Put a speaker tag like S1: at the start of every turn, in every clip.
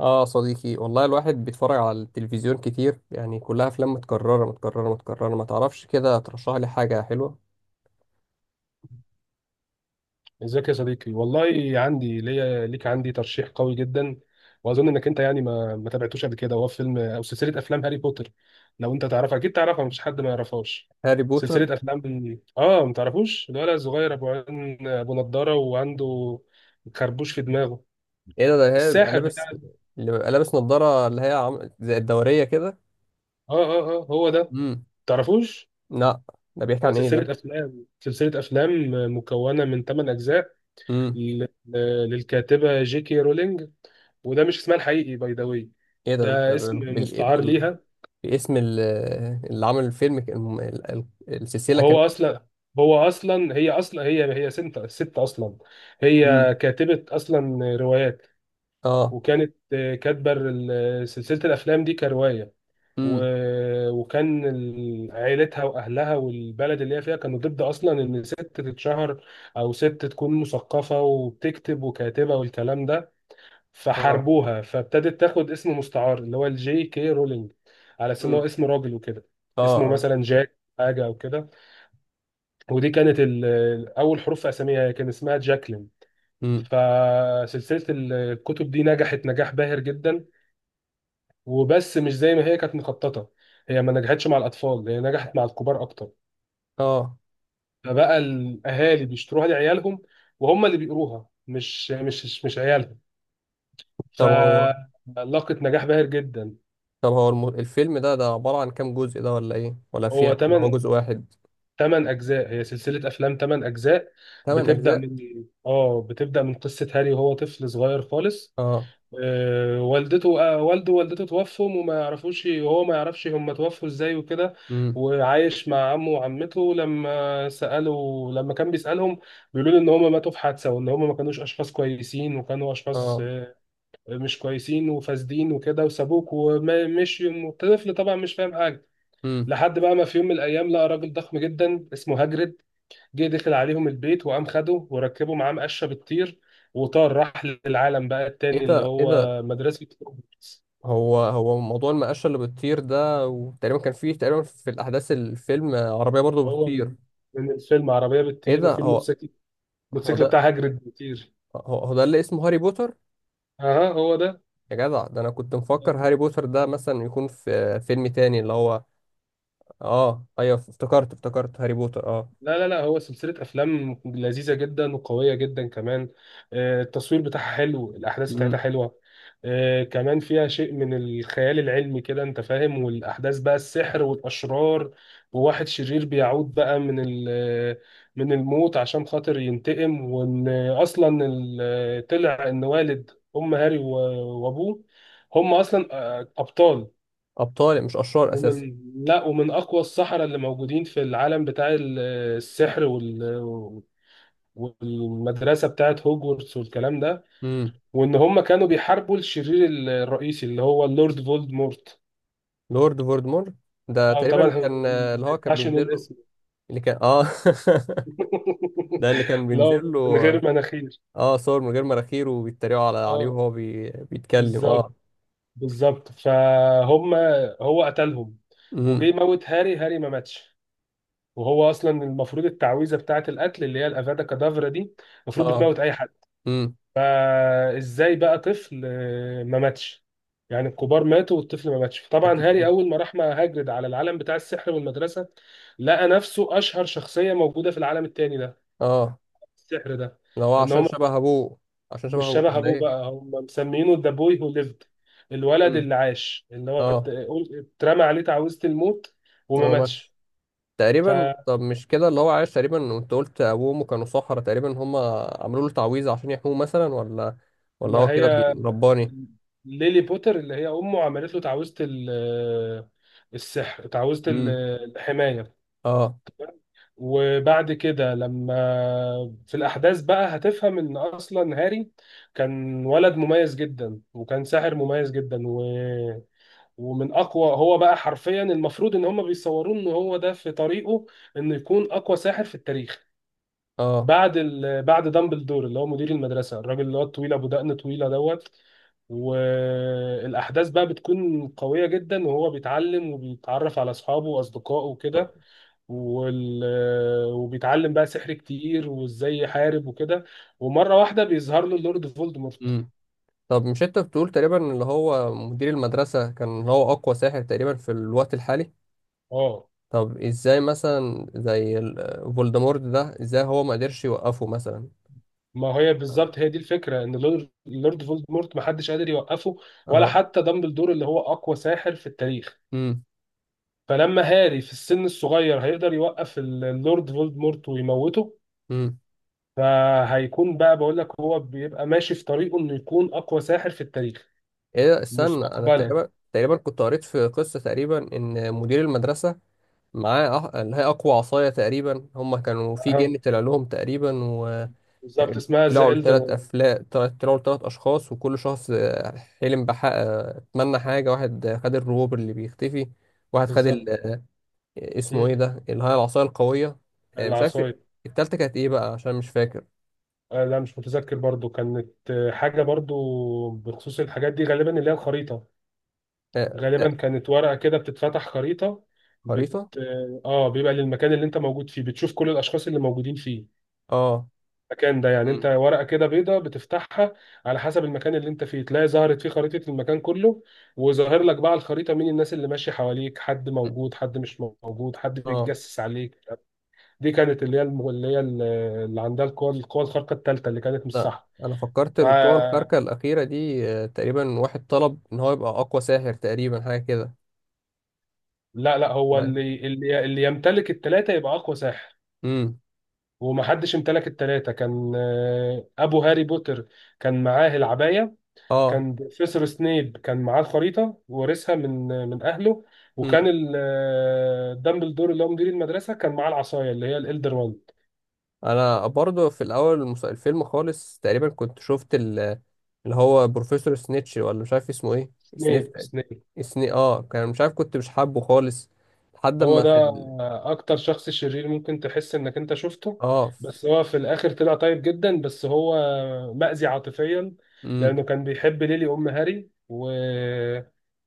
S1: اه صديقي، والله الواحد بيتفرج على التلفزيون كتير، يعني كلها افلام متكرره متكرره متكرره. ما تعرفش كده ترشح لي حاجه حلوه؟
S2: ازيك يا صديقي؟ والله عندي ليا ليك عندي ترشيح قوي جدا. واظن انك انت يعني ما تابعتوش قبل كده، وهو فيلم او سلسله افلام هاري بوتر. لو انت تعرفها اكيد تعرفها، مفيش حد ما يعرفهاش.
S1: هاري بوتر؟
S2: سلسله افلام ما تعرفوش الولد الصغير ابو عين ابو نضاره وعنده خربوش في دماغه؟
S1: ايه ده هي بيبقى
S2: الساحر بتاع
S1: لابس؟ اللي بيبقى لابس نظاره اللي هي زي الدوريه كده.
S2: اه هو ده،
S1: امم.
S2: تعرفوش؟
S1: لا. ده بيحكي
S2: ده
S1: عن ايه ده؟
S2: سلسله افلام، مكونه من 8 اجزاء،
S1: امم.
S2: لل- للكاتبه جي كي رولينج. وده مش اسمها الحقيقي باي ذا واي،
S1: ايه ده؟ انت
S2: ده اسم مستعار ليها.
S1: باسم ال... اللي عامل الفيلم السلسله
S2: هو
S1: كمان.
S2: اصلا هو اصلا هي اصلا هي هي ست اصلا، هي
S1: امم.
S2: كاتبة اصلا روايات.
S1: اه.
S2: وكانت كاتبة سلسلة الافلام دي كرواية. و...
S1: امم.
S2: وكان عائلتها واهلها والبلد اللي هي فيها كانوا ضد اصلا ان ست تتشهر، او ست تكون مثقفة وبتكتب وكاتبة والكلام ده.
S1: اه.
S2: فحاربوها، فابتدت تاخد اسم مستعار اللي هو الجي كي رولينج، على اساس ان هو
S1: امم.
S2: اسم راجل وكده.
S1: اه.
S2: اسمه
S1: اه.
S2: مثلا جاك حاجه او كده. ودي كانت اول حروف في اساميها، كان اسمها جاكلين.
S1: امم.
S2: فسلسله الكتب دي نجحت نجاح باهر جدا، وبس مش زي ما هي كانت مخططه. هي ما نجحتش مع الاطفال، هي نجحت مع الكبار اكتر.
S1: اه.
S2: فبقى الاهالي بيشتروها لعيالهم، وهم اللي بيقروها مش عيالهم.
S1: طب هو
S2: فلاقت نجاح باهر جدا.
S1: طب هو الفيلم ده عبارة عن كام جزء؟ ده ولا ايه؟ ولا في،
S2: هو
S1: ولا هو
S2: تمن
S1: جزء واحد؟
S2: ثمان اجزاء، هي سلسله افلام ثمان اجزاء.
S1: ثمان
S2: بتبدا
S1: اجزاء؟
S2: من اه بتبدا من قصه هاري وهو طفل صغير خالص.
S1: اه.
S2: آه، والدته آه، والده ووالدته توفوا، وما يعرفوش، وهو ما يعرفش هم توفوا ازاي وكده.
S1: امم.
S2: وعايش مع عمه وعمته. لما سألوا، لما كان بيسألهم، بيقولوا له ان هم ماتوا في حادثة، وان هم ما كانوش اشخاص كويسين، وكانوا اشخاص
S1: اه.
S2: مش كويسين وفاسدين وكده، وسابوك ومشي. الطفل طبعا مش فاهم حاجة،
S1: امم.
S2: لحد بقى ما في يوم من الايام لقى راجل ضخم جدا اسمه هاجريد، جه دخل عليهم البيت وقام خده وركبه معاه مقشه بتطير، وطار راح للعالم بقى
S1: ايه
S2: التاني اللي
S1: ده! ايه ده!
S2: هو مدرسة هوجورتس.
S1: هو هو موضوع المقاشة اللي بتطير ده، وتقريبا كان فيه، تقريبا في الاحداث الفيلم عربية برضو
S2: هو
S1: بتطير.
S2: من الفيلم عربية
S1: ايه
S2: بتطير،
S1: ده!
S2: وفي
S1: هو
S2: الموتوسيكل
S1: هو
S2: الموتوسيكل
S1: ده؟
S2: بتاع هاجرد بيطير.
S1: هو ده اللي اسمه هاري بوتر؟
S2: اها، هو ده.
S1: يا جدع، ده انا كنت مفكر هاري بوتر ده مثلا يكون في فيلم تاني اللي هو... اه، ايوه، افتكرت افتكرت هاري بوتر، اه.
S2: لا، لا، لا، هو سلسلة أفلام لذيذة جدا وقوية جدا كمان. التصوير بتاعها حلو، الأحداث بتاعتها
S1: امم.
S2: حلوة. كمان فيها شيء من الخيال العلمي، كده أنت فاهم، والأحداث بقى السحر والأشرار، وواحد شرير بيعود بقى من من الموت عشان خاطر ينتقم. وإن أصلا طلع إن والد أم هاري وأبوه هم أصلا أبطال.
S1: ابطال، مش اشرار اساسا.
S2: ومن لا ومن اقوى السحرة اللي موجودين في العالم بتاع السحر والمدرسة بتاعت هوجورتس والكلام ده. وان هم كانوا بيحاربوا الشرير الرئيسي اللي هو اللورد فولدمورت.
S1: لورد فولدمور. ده
S2: اه،
S1: تقريبا
S2: طبعا
S1: اللي
S2: ما
S1: هو كان
S2: ينفعش
S1: بينزل
S2: نقول
S1: له.
S2: اسمه.
S1: اللي كان، اه. ده اللي كان
S2: لا،
S1: بينزل
S2: من
S1: له.
S2: غير مناخير.
S1: اه، صور من غير مراخير، وبيتريقوا عليه،
S2: اه،
S1: وهو بيتكلم، اه.
S2: بالظبط، بالظبط. فهم هو قتلهم، وجه
S1: امم.
S2: يموت هاري، هاري ما ماتش. وهو اصلا المفروض التعويذه بتاعه القتل اللي هي الافادا كادافرا دي، المفروض
S1: اه.
S2: بتموت اي حد.
S1: امم.
S2: فازاي بقى طفل ما ماتش؟ يعني الكبار ماتوا والطفل ما ماتش. فطبعا
S1: اكيد.
S2: هاري اول ما راح مع هاجرد على العالم بتاع السحر والمدرسه، لقى نفسه اشهر شخصيه موجوده في العالم التاني ده،
S1: اه.
S2: السحر ده.
S1: لو هو
S2: ان
S1: عشان
S2: هم
S1: شبه ابوه. عشان شبه
S2: مش
S1: ابوه
S2: شبه
S1: ولا
S2: ابوه،
S1: ايه؟
S2: بقى هم مسمينه ذا بوي هو ليفد، الولد
S1: امم.
S2: اللي عاش، اللي هو
S1: اه.
S2: اترمى عليه تعويذه الموت وما
S1: هو ماتش
S2: ماتش.
S1: تقريبا؟
S2: فما
S1: طب مش كده اللي هو عايش تقريبا؟ وانت قلت ابوه وامه كانوا سحرة تقريبا، هم عملوا له تعويذة عشان يحموه مثلا، ولا هو كده
S2: هي
S1: رباني؟
S2: ليلي بوتر اللي هي امه عملت له تعويذه السحر، تعويذه
S1: امم.
S2: الحمايه.
S1: اه.
S2: وبعد كده، لما في الأحداث بقى، هتفهم إن أصلا هاري كان ولد مميز جدا وكان ساحر مميز جدا ومن أقوى. هو بقى حرفيا المفروض إن هما بيصوروه إن هو ده في طريقه إنه يكون أقوى ساحر في التاريخ
S1: اه.
S2: بعد بعد دامبلدور اللي هو مدير المدرسة، الراجل اللي هو الطويل أبو دقن طويلة دوت. والأحداث بقى بتكون قوية جدا، وهو بيتعلم وبيتعرف على أصحابه وأصدقائه وكده. وال... وبيتعلم بقى سحر كتير وازاي يحارب وكده. ومره واحده بيظهر له اللورد فولدمورت.
S1: طب مش انت بتقول تقريبا اللي هو مدير المدرسة كان هو أقوى ساحر تقريبا في الوقت الحالي؟
S2: اه
S1: طب ازاي مثلا زي فولدمورت ده، ازاي هو ما قدرش يوقفه مثلا؟
S2: ما هي بالظبط، هي دي الفكره ان اللورد، فولدمورت محدش قادر يوقفه، ولا
S1: اه.
S2: حتى دامبلدور اللي هو اقوى ساحر في التاريخ.
S1: امم.
S2: فلما هاري في السن الصغير هيقدر يوقف اللورد فولدمورت ويموته،
S1: امم.
S2: فهيكون بقى، بقول لك، هو بيبقى ماشي في طريقه انه يكون اقوى ساحر في التاريخ
S1: ايه ده، استنى، انا
S2: مستقبلا.
S1: تقريبا كنت قريت في قصة تقريبا ان مدير المدرسة معاه اللي هي اقوى عصاية تقريبا. هم كانوا في
S2: اه،
S1: جن طلع لهم تقريبا.
S2: بالظبط،
S1: كان-
S2: اسمها ذا
S1: طلعوا
S2: إلدر.
S1: ثلاث افلام طلعوا ثلاث اشخاص، وكل شخص حلم بحق، اتمنى حاجه. واحد خد الروبر اللي بيختفي. واحد خد ال...
S2: بالظبط.
S1: آه، اسمه ايه
S2: مم.
S1: ده، اللي هي العصايه القويه. مش عارف.
S2: العصاية.
S1: التالتة كانت ايه بقى؟ عشان مش فاكر.
S2: لا، مش متذكر برضو. كانت حاجة برضو بخصوص الحاجات دي، غالبا اللي هي الخريطة.
S1: آه، آه،
S2: غالبا كانت ورقة كده بتتفتح خريطة. بت
S1: خريطه.
S2: اه آه، بيبقى للمكان اللي انت موجود فيه، بتشوف كل الأشخاص اللي موجودين فيه،
S1: اه.
S2: المكان ده يعني. انت
S1: مم.
S2: ورقة كده بيضة بتفتحها، على حسب المكان اللي انت فيه تلاقي ظهرت فيه خريطة المكان كله. وظاهر لك بقى على الخريطة مين الناس اللي ماشية حواليك، حد موجود، حد مش موجود، حد
S1: اه.
S2: بيتجسس عليك. دي كانت اللي هي اللي عندها القوى، الخارقة الثالثة، اللي كانت مش
S1: لا،
S2: صح.
S1: انا فكرت القوة الخارقة الأخيرة دي تقريبا واحد طلب ان هو يبقى اقوى ساحر تقريبا، حاجة كده.
S2: لا، لا، هو
S1: لا.
S2: اللي يمتلك التلاتة يبقى أقوى ساحر.
S1: امم.
S2: ومحدش امتلك التلاتة، كان أبو هاري بوتر كان معاه العباية،
S1: اه.
S2: كان بروفيسور سنيب كان معاه الخريطة وورثها من من أهله، وكان دامبلدور اللي هو مدير المدرسة كان معاه العصاية اللي هي الإلدر. وان
S1: انا برضو في الاول الفيلم خالص تقريبا كنت شفت اللي هو بروفيسور سنيتش، ولا مش عارف اسمه ايه. سنيف.
S2: سنيب
S1: سني اه كان مش عارف، كنت مش حابه خالص. لحد
S2: هو
S1: ما
S2: ده
S1: في
S2: اكتر شخص شرير ممكن تحس انك انت شفته،
S1: اه.
S2: بس هو في الاخر طلع طيب جدا. بس هو مأذي عاطفيا،
S1: امم.
S2: لانه كان بيحب ليلي ام هاري،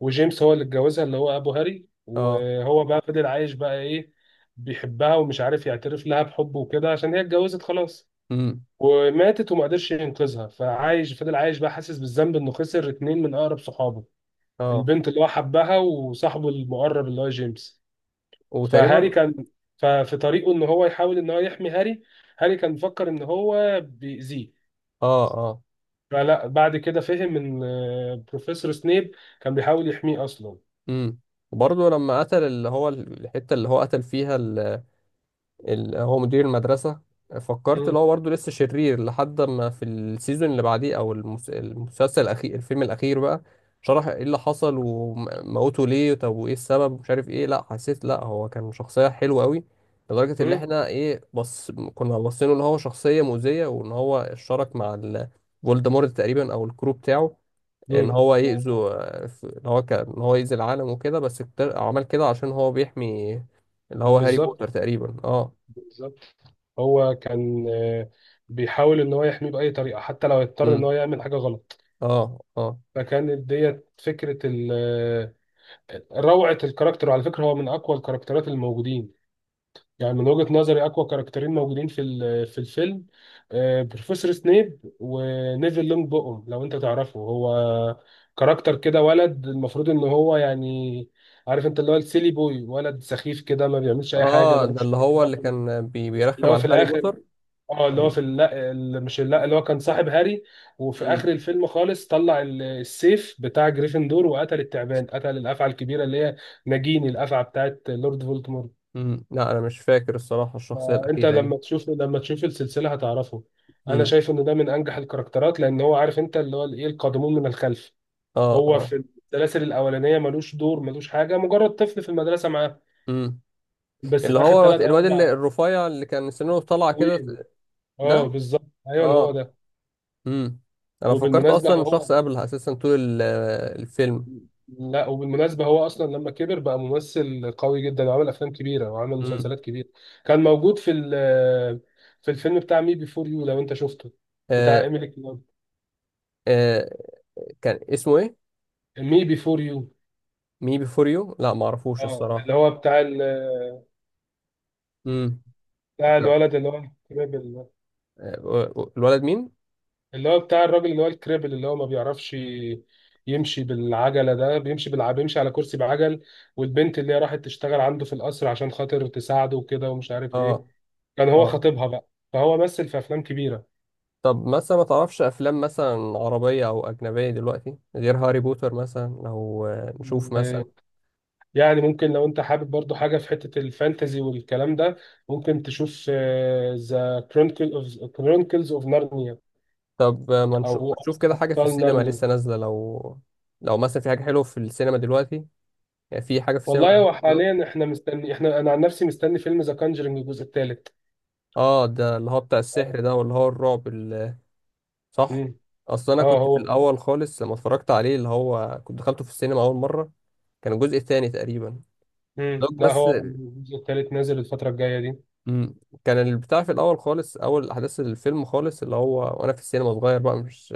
S2: وجيمس هو اللي اتجوزها اللي هو ابو هاري،
S1: اه.
S2: وهو بقى فضل عايش بقى ايه، بيحبها ومش عارف يعترف لها بحبه وكده، عشان هي اتجوزت خلاص
S1: امم.
S2: وماتت، وما قدرش ينقذها. فعايش، فضل عايش بقى حاسس بالذنب انه خسر اتنين من اقرب صحابه،
S1: اه.
S2: البنت اللي هو حبها وصاحبه المقرب اللي هو جيمس. فهاري
S1: وتقريبا.
S2: كان، ففي طريقه ان هو يحاول ان هو يحمي هاري. هاري كان مفكر ان هو بيأذيه،
S1: اه. اه.
S2: فلا، بعد كده فهم ان بروفيسور سنيب كان بيحاول يحميه اصلا.
S1: امم. وبرضه لما قتل اللي هو الحتة اللي هو قتل فيها هو مدير المدرسة، فكرت اللي
S2: مم.
S1: هو برضه لسه شرير، لحد ما في السيزون اللي بعديه او المس- المسلسل الاخير الفيلم الاخير بقى شرح ايه اللي حصل وموته ليه، طب وايه السبب، ومش عارف ايه. لا، حسيت، لا، هو كان شخصية حلوة قوي لدرجة ان
S2: مم.
S1: احنا، ايه، بص، كنا باصينه ان هو شخصية مؤذية، وان هو اشترك مع فولدمورت تقريبا او الكرو بتاعه، ان
S2: مم.
S1: هو يأذوا ان هو كان ان هو يأذي العالم وكده، بس عمل كده عشان هو بيحمي اللي هو هاري
S2: بالظبط،
S1: بوتر تقريبا، اه.
S2: بالظبط. هو كان بيحاول ان هو يحميه بأي طريقة، حتى لو يضطر ان
S1: امم.
S2: هو يعمل حاجة غلط.
S1: اه. اه.
S2: فكانت ديت فكرة روعة الكاركتر. وعلى فكرة، هو من اقوى الكاركترات الموجودين. يعني من وجهة نظري أقوى كاركترين موجودين في الفيلم، بروفيسور سنيب ونيفل لونج بوم، لو أنت تعرفه. هو كاركتر كده، ولد، المفروض إن هو يعني، عارف أنت، اللي هو السيلي بوي، ولد سخيف كده ما بيعملش أي حاجة
S1: اه. ده
S2: ملوش.
S1: اللي هو اللي كان
S2: اللي
S1: بيرخم
S2: هو في
S1: على هاري
S2: الآخر،
S1: بوتر؟
S2: اه، اللي هو
S1: ولا.
S2: في، لا ال- مش لا اللي هو كان صاحب هاري. وفي
S1: امم.
S2: اخر الفيلم خالص طلع السيف بتاع جريفندور، وقتل التعبان، قتل الافعى الكبيره اللي هي ناجيني، الافعى بتاعت لورد فولدمورت.
S1: امم. لا، انا مش فاكر الصراحه الشخصيه
S2: ما انت،
S1: الاخيره دي.
S2: لما تشوف، السلسله هتعرفه. انا
S1: امم.
S2: شايف ان ده من انجح الكاركترات، لان هو، عارف انت، اللي هو ايه القادمون من الخلف.
S1: اه.
S2: هو
S1: اه.
S2: في السلاسل الاولانيه ملوش دور، ملوش حاجه، مجرد طفل في المدرسه معاه.
S1: امم.
S2: بس
S1: اللي
S2: في اخر
S1: هو
S2: ثلاث او
S1: الواد اللي
S2: اربع
S1: الرفيع اللي كان سنه طالعه كده؟
S2: حلوين. اه،
S1: ده.
S2: بالظبط، ايوه، هو
S1: اه.
S2: ده.
S1: امم. انا فكرت
S2: وبالمناسبه
S1: اصلا
S2: هو،
S1: شخص قبلها اساسا طول الفيلم.
S2: لا وبالمناسبه هو اصلا لما كبر بقى ممثل قوي جدا، وعمل افلام كبيره، وعمل
S1: امم.
S2: مسلسلات كبيره. كان موجود في الفيلم بتاع مي بيفور يو لو انت شفته، بتاع
S1: آه.
S2: ايميلي كلارك.
S1: آه. كان اسمه ايه؟
S2: مي بيفور يو،
S1: مي بيفور يو؟ لا، ما اعرفوش
S2: اه
S1: الصراحه.
S2: اللي هو بتاع
S1: امم.
S2: بتاع الولد اللي هو الكريبل،
S1: الولد مين؟
S2: اللي هو بتاع الراجل اللي هو الكريبل اللي هو ما بيعرفش يمشي بالعجلة، ده بيمشي بيمشي على كرسي بعجل. والبنت اللي هي راحت تشتغل عنده في القصر عشان خاطر تساعده وكده ومش عارف ايه،
S1: اه.
S2: كان هو
S1: اه.
S2: خطيبها بقى. فهو مثل في افلام كبيرة.
S1: طب مثلا ما تعرفش افلام مثلا عربية او اجنبية دلوقتي غير هاري بوتر مثلا، لو نشوف مثلا؟
S2: يعني ممكن لو انت حابب برضو حاجة في حتة الفانتزي والكلام ده، ممكن تشوف ذا كرونيكلز اوف نارنيا،
S1: طب ما
S2: او
S1: نشوف، ما نشوف كده حاجة في
S2: ابطال
S1: السينما
S2: نارنيا.
S1: لسه نازلة، لو مثلا في حاجة حلوة في السينما دلوقتي، يعني في حاجة في السينما
S2: والله هو
S1: دلوقتي دلوقتي.
S2: حاليا احنا مستني احنا انا عن نفسي مستني فيلم ذا كانجرينج الجزء الثالث.
S1: اه، ده اللي هو بتاع السحر ده، واللي هو الرعب صح.
S2: امم.
S1: اصل انا
S2: اه
S1: كنت في
S2: هو.
S1: الاول خالص لما اتفرجت عليه، اللي هو كنت دخلته في السينما اول مرة، كان الجزء الثاني تقريبا. دوك
S2: لا،
S1: بس.
S2: هو الجزء الثالث نازل الفترة الجاية دي.
S1: مم. كان البتاع في الاول خالص، اول احداث الفيلم خالص، اللي هو وانا في السينما صغير بقى، مش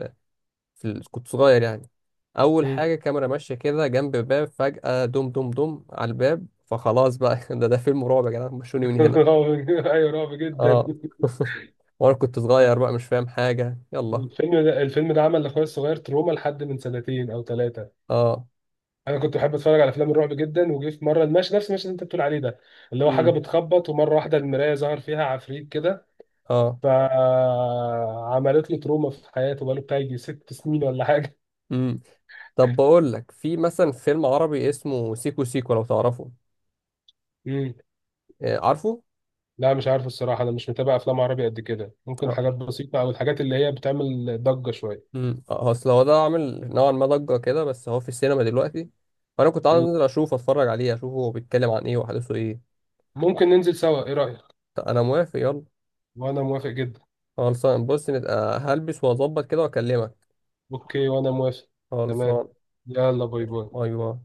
S1: كنت صغير يعني. اول
S2: امم.
S1: حاجه كاميرا ماشيه كده جنب باب، فجاه دم دم دم على الباب، فخلاص بقى ده فيلم رعب يا جدعان، مشوني من هنا.
S2: رعب ايوه، رعب جدا.
S1: اه وانا كنت صغير بقى مش فاهم حاجه، يلا.
S2: الفيلم ده عمل لاخويا الصغير تروما لحد من سنتين او ثلاثه.
S1: اه.
S2: انا كنت بحب اتفرج على افلام الرعب جدا، وجه في مره المشهد، نفس المشهد اللي انت بتقول عليه ده، اللي هو حاجه
S1: امم.
S2: بتخبط ومره واحده المرايه ظهر فيها عفريت كده،
S1: اه.
S2: فعملت له تروما في حياته بقاله بتاع يجي 6 سنين ولا حاجه.
S1: امم. طب بقول لك، في مثلا فيلم عربي اسمه سيكو سيكو لو تعرفه؟
S2: مم.
S1: آه، عارفه.
S2: لا، مش عارف الصراحة، أنا مش متابع أفلام عربي قد كده، ممكن حاجات بسيطة أو الحاجات اللي هي بتعمل ضجة شوية.
S1: امم. هو اصل هو ده عامل نوعا ما ضجه كده، بس هو في السينما دلوقتي، فانا كنت عايز
S2: مم.
S1: انزل اشوف، اتفرج عليه، اشوفه هو بيتكلم عن ايه وحدثه ايه.
S2: ممكن ننزل سوا، إيه رأيك؟
S1: طب انا موافق، يلا.
S2: وأنا موافق جدا.
S1: خلصان. بص، نبقى هلبس واظبط كده واكلمك.
S2: أوكي، وأنا موافق. تمام.
S1: خلصان.
S2: يلا، باي باي.
S1: ايوه.